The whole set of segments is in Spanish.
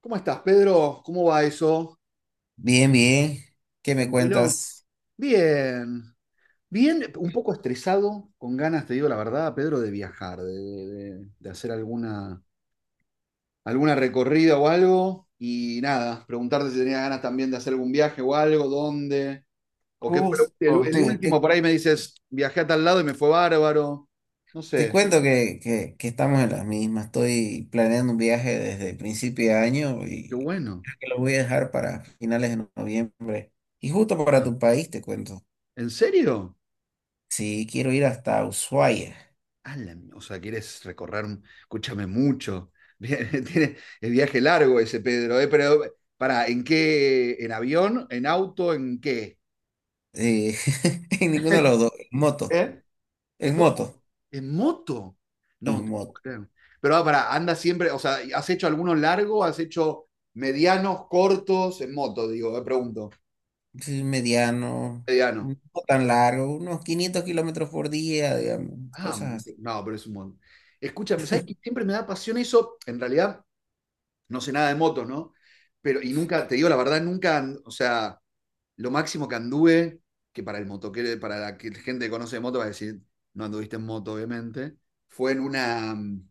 ¿Cómo estás, Pedro? ¿Cómo va eso? Bien, bien. ¿Qué me ¿Tranquilo? cuentas? Bien, bien, un poco estresado, con ganas, te digo la verdad, Pedro, de viajar, de hacer alguna, alguna recorrida o algo. Y nada, preguntarte si tenías ganas también de hacer algún viaje o algo, dónde, o qué fue el, Justo, el último, por ahí me dices, viajé a tal lado y me fue bárbaro. No te sé, cuento que estamos en las mismas. Estoy planeando un viaje desde el principio de año qué y bueno. creo que lo voy a dejar para finales de noviembre. Y justo para Ah, tu país, te cuento. ¿en serio? Sí, quiero ir hasta Ushuaia. Ah, o sea, quieres recorrer, escúchame mucho. Tiene el viaje largo ese Pedro, ¿eh? Pero, para, ¿en qué? ¿En avión? ¿En auto? ¿En qué? Eh, en ninguno de los dos. En moto. ¿Eh? ¿En En dónde? moto. ¿En moto? No, no En te puedo moto. creer. Pero para, anda siempre, o sea, ¿has hecho algunos largos? ¿Has hecho medianos, cortos? En moto, digo, me pregunto. Sí, mediano. Mediano. No tan largo. Unos 500 kilómetros por día, digamos. Ah, Cosas moto. así. No, pero es un montón. Escúchame, ¿sabes que siempre me da pasión eso? En realidad, no sé nada de motos, ¿no? Pero, y nunca, te digo la verdad, nunca, o sea, lo máximo que anduve, que para el motoquero, para gente que conoce de moto va a decir, no anduviste en moto, obviamente, fue en una,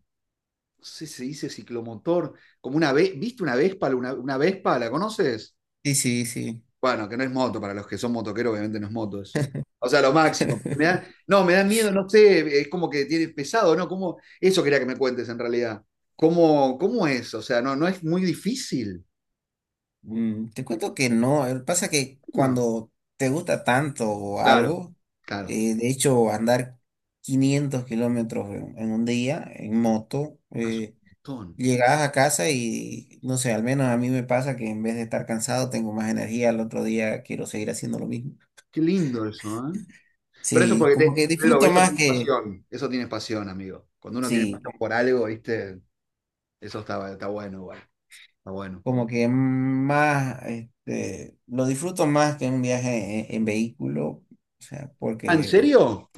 no sé si se dice ciclomotor, como una, ¿viste una Vespa? Una Vespa, ¿la conoces? Sí, sí, sí. Bueno, que no es moto, para los que son motoqueros, obviamente no es moto eso. O sea, lo máximo. No, me da miedo, no sé, es como que tiene pesado, ¿no? ¿Cómo? Eso quería que me cuentes en realidad. ¿Cómo es? O sea, no, no es muy difícil. Te cuento que no, pasa que No. cuando te gusta tanto Claro, algo, claro. De hecho andar 500 kilómetros en un día en moto, Es un montón. llegas a casa y no sé, al menos a mí me pasa que en vez de estar cansado tengo más energía, al otro día quiero seguir haciendo lo mismo. Qué lindo eso, ¿eh? Pero eso Sí, porque como te, que Pedro, disfruto más que, eso tiene pasión, amigo. Cuando uno tiene sí, pasión por algo, ¿viste? Eso está bueno, igual. Está bueno. como que más, este, lo disfruto más que un viaje en vehículo. O sea, Ah, ¿en porque serio?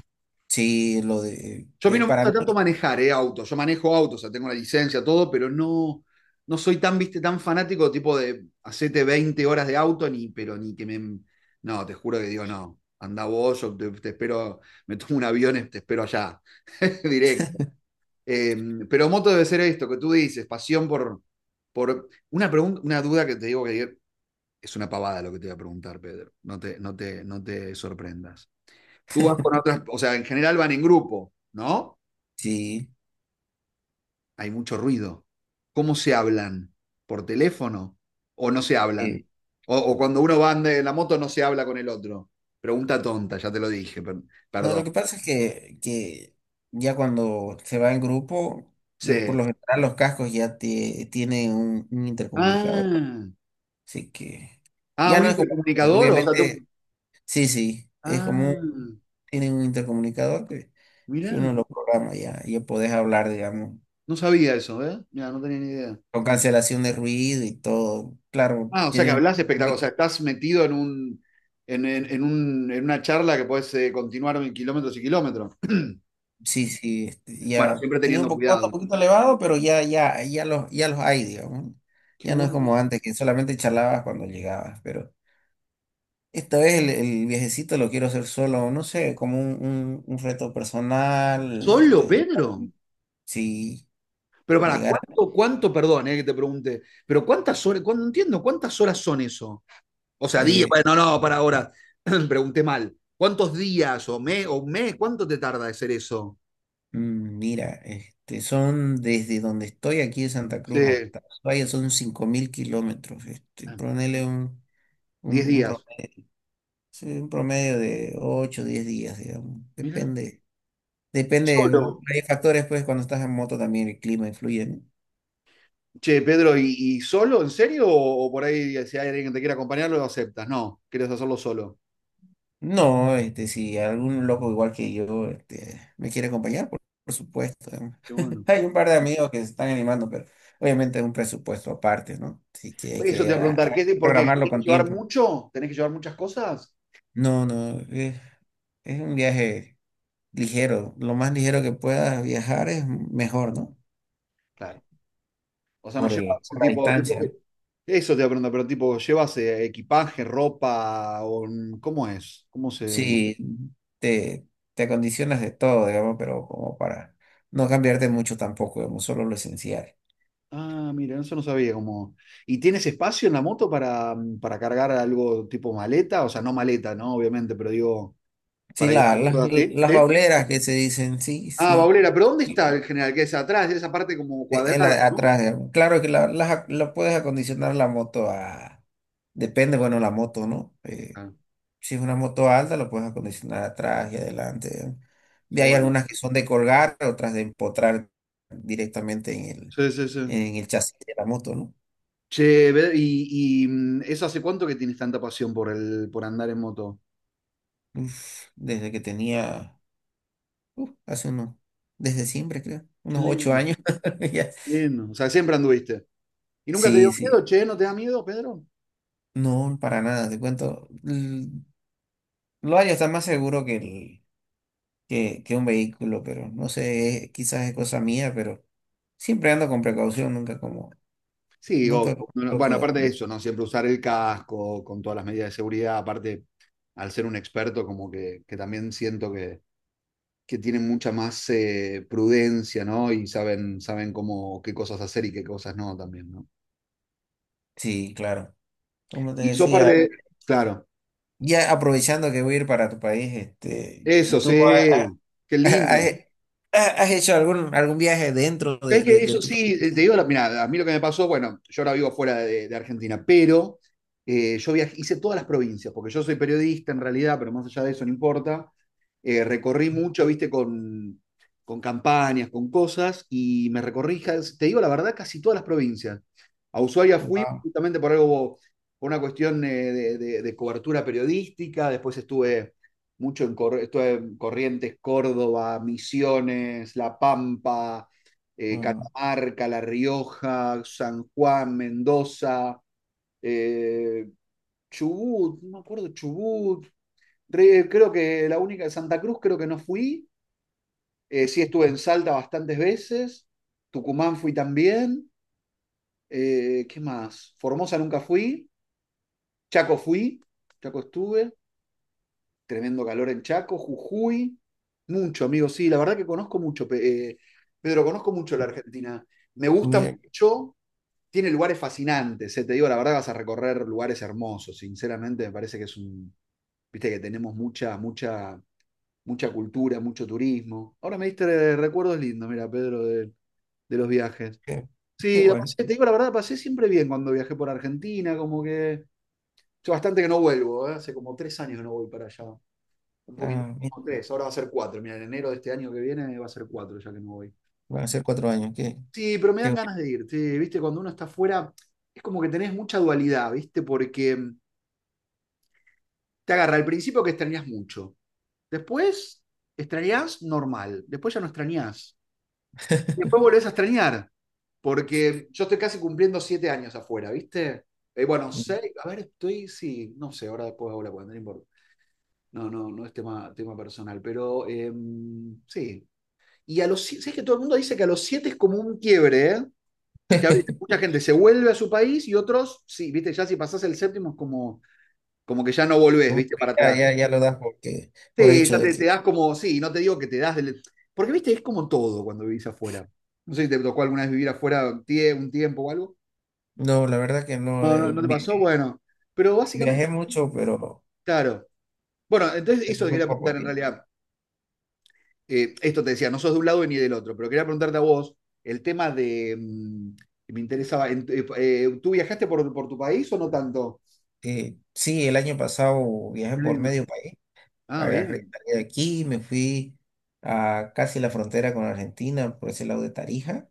sí, lo de, Yo a mí no me para gusta mí, tanto manejar, autos. Yo manejo autos, o sea, tengo la licencia, todo, pero no, no soy tan, viste, tan fanático, tipo de hacete 20 horas de auto, ni, pero ni que me. No, te juro que digo, no. Anda vos, yo te espero, me tomo un avión, y te espero allá. Directo. Eh, pero moto debe ser esto que tú dices, pasión por una, pregunta, una duda que te digo que es una pavada lo que te voy a preguntar, Pedro. No te sorprendas. Tú vas con otras, o sea, en general van en grupo, ¿no? sí. Hay mucho ruido. ¿Cómo se hablan? ¿Por teléfono? ¿O no se eh, hablan? O cuando uno va en la moto no se habla con el otro. Pregunta tonta, ya te lo dije, no, lo que perdón. pasa es que ya cuando se va en grupo, por Sí. lo general los cascos ya tienen un intercomunicador. Ah, Así que ah, ya un no es como, intercomunicador, o sea. Obviamente, sí, sí, es como, Ah, tienen un intercomunicador que uno mirá. lo programa ya, ya podés hablar, digamos, No sabía eso, ¿eh? Mira, no tenía ni idea. con cancelación de ruido y todo. Claro, Ah, o sea que tienen hablas espectacular, o un... sea, estás metido en un, en una charla que puedes continuar en kilómetros y kilómetros. Sí, sí, este, Bueno, ya siempre tiene un teniendo poco, costo cuidado. un poquito elevado, pero ya, ya, ya los hay, digamos. Qué Ya no es bueno. como antes, que solamente charlabas cuando llegabas, pero esta vez el viajecito lo quiero hacer solo, no sé, como un reto personal, ¿Solo, este, Pedro? si Pero para, llegara, ¿cuánto, perdón, que te pregunte, pero cuántas horas, no entiendo, ¿cuántas horas son eso? O sea, días, eh, bueno, no, para ahora, pregunté mal. ¿Cuántos días o mes, cuánto te tarda hacer eso? Mira, este, son desde donde estoy aquí de Santa Cruz Sí. hasta Ushuaia son 5.000 kilómetros, este, Ah, ponele Diez un días. promedio, sí, un promedio de 8, o 10 días, digamos, Mira. depende. Depende, Solo. hay factores, pues cuando estás en moto también el clima influye. Che, Pedro, ¿y solo? ¿En serio? O por ahí, si hay alguien que te quiera acompañar, lo aceptas. No, quieres hacerlo solo. No, no, este, si algún loco igual que yo, este, me quiere acompañar, por supuesto. ¿No? Qué bueno. Hay un par de amigos que se están animando, pero obviamente es un presupuesto aparte, ¿no? Así que hay Eso te que, iba a preguntar, hay que ¿por qué? programarlo ¿Tenés con que llevar tiempo. mucho? ¿Tenés que llevar muchas cosas? No, no, es un viaje ligero. Lo más ligero que puedas viajar es mejor, ¿no? Claro. O sea, no Por el, llevas por la distancia, ¿no? Eso te iba a preguntar, pero tipo, ¿llevas equipaje, ropa? O, ¿cómo es? ¿Cómo se...? Sí, te, te acondicionas de todo, digamos, pero como para no cambiarte mucho tampoco, digamos, solo lo esencial. Ah, mira, eso no sabía cómo. ¿Y tienes espacio en la moto para cargar algo tipo maleta? O sea, no maleta, ¿no? Obviamente, pero digo, Sí, para llevar cosas así. las ¿Sí? bauleras que se dicen, sí, Ah, sí, baulera, pero ¿dónde está y- el general? Que es atrás, esa parte como en cuadrada, ¿no? atrás, digamos. Claro que la puedes acondicionar la moto a, depende, bueno, la moto, ¿no? Ah, Si es una moto alta, la puedes acondicionar atrás y adelante, digamos. qué Y hay bueno. algunas que son de colgar, otras de empotrar directamente en Sí, sí, sí. en el chasis de la moto, ¿no? Che, eso hace cuánto que tienes tanta pasión por andar en moto. Uf, desde que tenía, uf, hace unos, desde siempre creo, Qué unos ocho lindo, años. Ya. lindo. O sea, siempre anduviste. ¿Y nunca te Sí, dio sí, miedo, che? ¿No te da miedo, Pedro? no, para nada, te cuento. Lo hay, está más seguro que un vehículo, pero no sé, quizás es cosa mía, pero siempre ando con precaución, nunca como, Sí, obvio. nunca como No, no, bueno, aparte loco. de eso, ¿no? Siempre usar el casco con todas las medidas de seguridad. Aparte, al ser un experto, como que también siento que tienen mucha más prudencia, ¿no? Y saben cómo, qué cosas hacer y qué cosas no también, ¿no? Sí, claro. Como te Y sos parte decía, de. Claro, ya aprovechando que voy a ir para tu país, este, eso, ¿tú ha- ha- sí, qué ha- lindo. has, has hecho algún, algún viaje dentro ¿Sabés de, que de eso tu sí, país? Te digo, mirá, a mí lo que me pasó, bueno, yo ahora vivo fuera de Argentina, pero yo viajé, hice todas las provincias, porque yo soy periodista en realidad, pero más allá de eso no importa. Recorrí mucho, viste, con campañas, con cosas, y me recorrí, te digo la verdad, casi todas las provincias. A Ushuaia fui Wow, justamente por algo, por una cuestión de cobertura periodística, después estuve mucho en Corrientes, Córdoba, Misiones, La Pampa, wow. Catamarca, La Rioja, San Juan, Mendoza, eh, Chubut, no me acuerdo, Chubut, creo que la única, Santa Cruz creo que no fui, sí estuve en Salta bastantes veces, Tucumán fui también, ¿qué más? Formosa nunca fui, Chaco fui, Chaco estuve, tremendo calor en Chaco, Jujuy, mucho, amigo, sí, la verdad que conozco mucho, Pedro, conozco mucho la Argentina, me gusta Mira, mucho, tiene lugares fascinantes, te digo la verdad, vas a recorrer lugares hermosos, sinceramente me parece que es un, viste que tenemos mucha, mucha, mucha cultura, mucho turismo. Ahora me diste recuerdos lindos, mira, Pedro, de los viajes. qué, qué Sí, la pasé, bueno. te digo la verdad, la pasé siempre bien cuando viajé por Argentina, como que yo bastante que no vuelvo, hace como 3 años que no voy para allá, un poquito, Ah, mira, como tres, ahora va a ser cuatro, mira, en enero de este año que viene va a ser cuatro ya que no voy. van a ser cuatro años. Qué, Sí, pero me dan qué ganas de ir, sí, viste, cuando uno está afuera es como que tenés mucha dualidad, ¿viste? Porque te agarra al principio que extrañas mucho. Después extrañas normal. Después ya no extrañas. bueno. Después volvés a extrañar, porque yo estoy casi cumpliendo 7 años afuera, ¿viste? Bueno, seis, a ver, estoy, sí, no sé, ahora después hago la cuenta, no importa. No, no, no es tema personal, pero sí. Y a los 7, ¿sabes que todo el mundo dice que a los 7 es como un quiebre, ¿eh? Que a veces mucha gente se vuelve a su país y otros, sí, ¿viste? Ya si pasás el séptimo es como que ya no volvés, Como ¿viste? que Para ya, atrás. ya, ya lo das porque, por Sí, hecho ya de te que. das como, sí, no te digo que te das del. Porque, viste, es como todo cuando vivís afuera. No sé si te tocó alguna vez vivir afuera un un tiempo o algo. No, la verdad que no. No, no, no te pasó, bueno. Pero básicamente, Viajé mucho, pero claro. Bueno, entonces en eso te muy quería poco preguntar en tiempo. realidad. Esto te decía, no sos de un lado ni del otro, pero quería preguntarte a vos el tema de que me interesaba, ¿tú viajaste por tu país o no tanto? Sí, el año pasado viajé Qué por lindo. medio país. Ah, Agarré, bien. salí de aquí, y me fui a casi la frontera con Argentina, por ese lado de Tarija.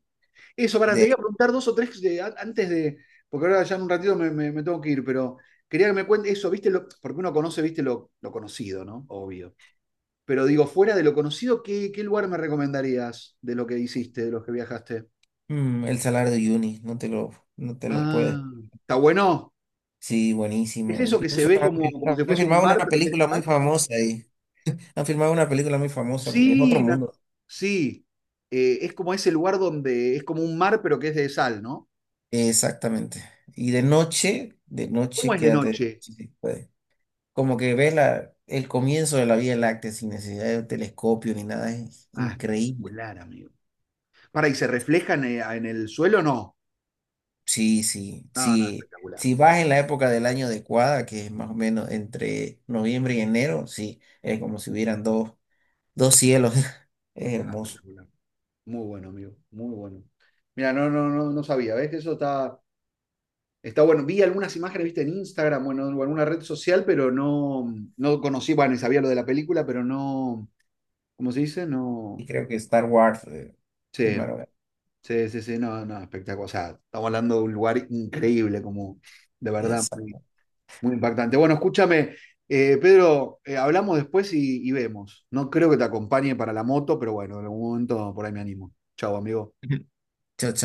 Eso, para, De te iba a ahí, preguntar dos o tres antes de, porque ahora ya en un ratito me tengo que ir, pero quería que me cuentes eso, ¿viste? Porque uno conoce, ¿viste? Lo conocido, ¿no? Obvio. Pero digo, fuera de lo conocido, ¿qué lugar me recomendarías de lo que hiciste, de los que viajaste? mm, el salario de Uyuni, no te lo puedes Ah, está bueno. sí, ¿Es buenísimo. eso que se Incluso ve han, como si han fuese un filmado mar, una pero que es de película muy sal? famosa ahí. Han filmado una película muy famosa porque es otro Sí, mundo. sí. Es como ese lugar donde es como un mar, pero que es de sal, ¿no? Exactamente. Y de ¿Cómo noche, es de quédate noche? si se puede. Como que ves la, el comienzo de la Vía Láctea sin necesidad de telescopio ni nada. Es Ah, increíble. espectacular, amigo. Para, ¿y se reflejan en el suelo? No. Sí, sí, No, no, sí. espectacular. Si vas en la época del año adecuada, que es más o menos entre noviembre y enero, sí, es como si hubieran dos cielos. Es No, hermoso. espectacular. Muy bueno, amigo. Muy bueno. Mira, no, no, no, no sabía, ¿ves? Eso está bueno. Vi algunas imágenes, viste, en Instagram, bueno, en alguna red social, pero no, no conocí, bueno, y sabía lo de la película, pero no, ¿cómo se dice? No. Y creo que Star Wars Sí, primero. Sí, sí, sí, no, no, espectacular. O sea, estamos hablando de un lugar increíble, como de verdad, muy, Exacto. muy impactante. Bueno, escúchame, Pedro, hablamos después y vemos. No creo que te acompañe para la moto, pero bueno, en algún momento por ahí me animo. Chao, amigo. Chao, chao.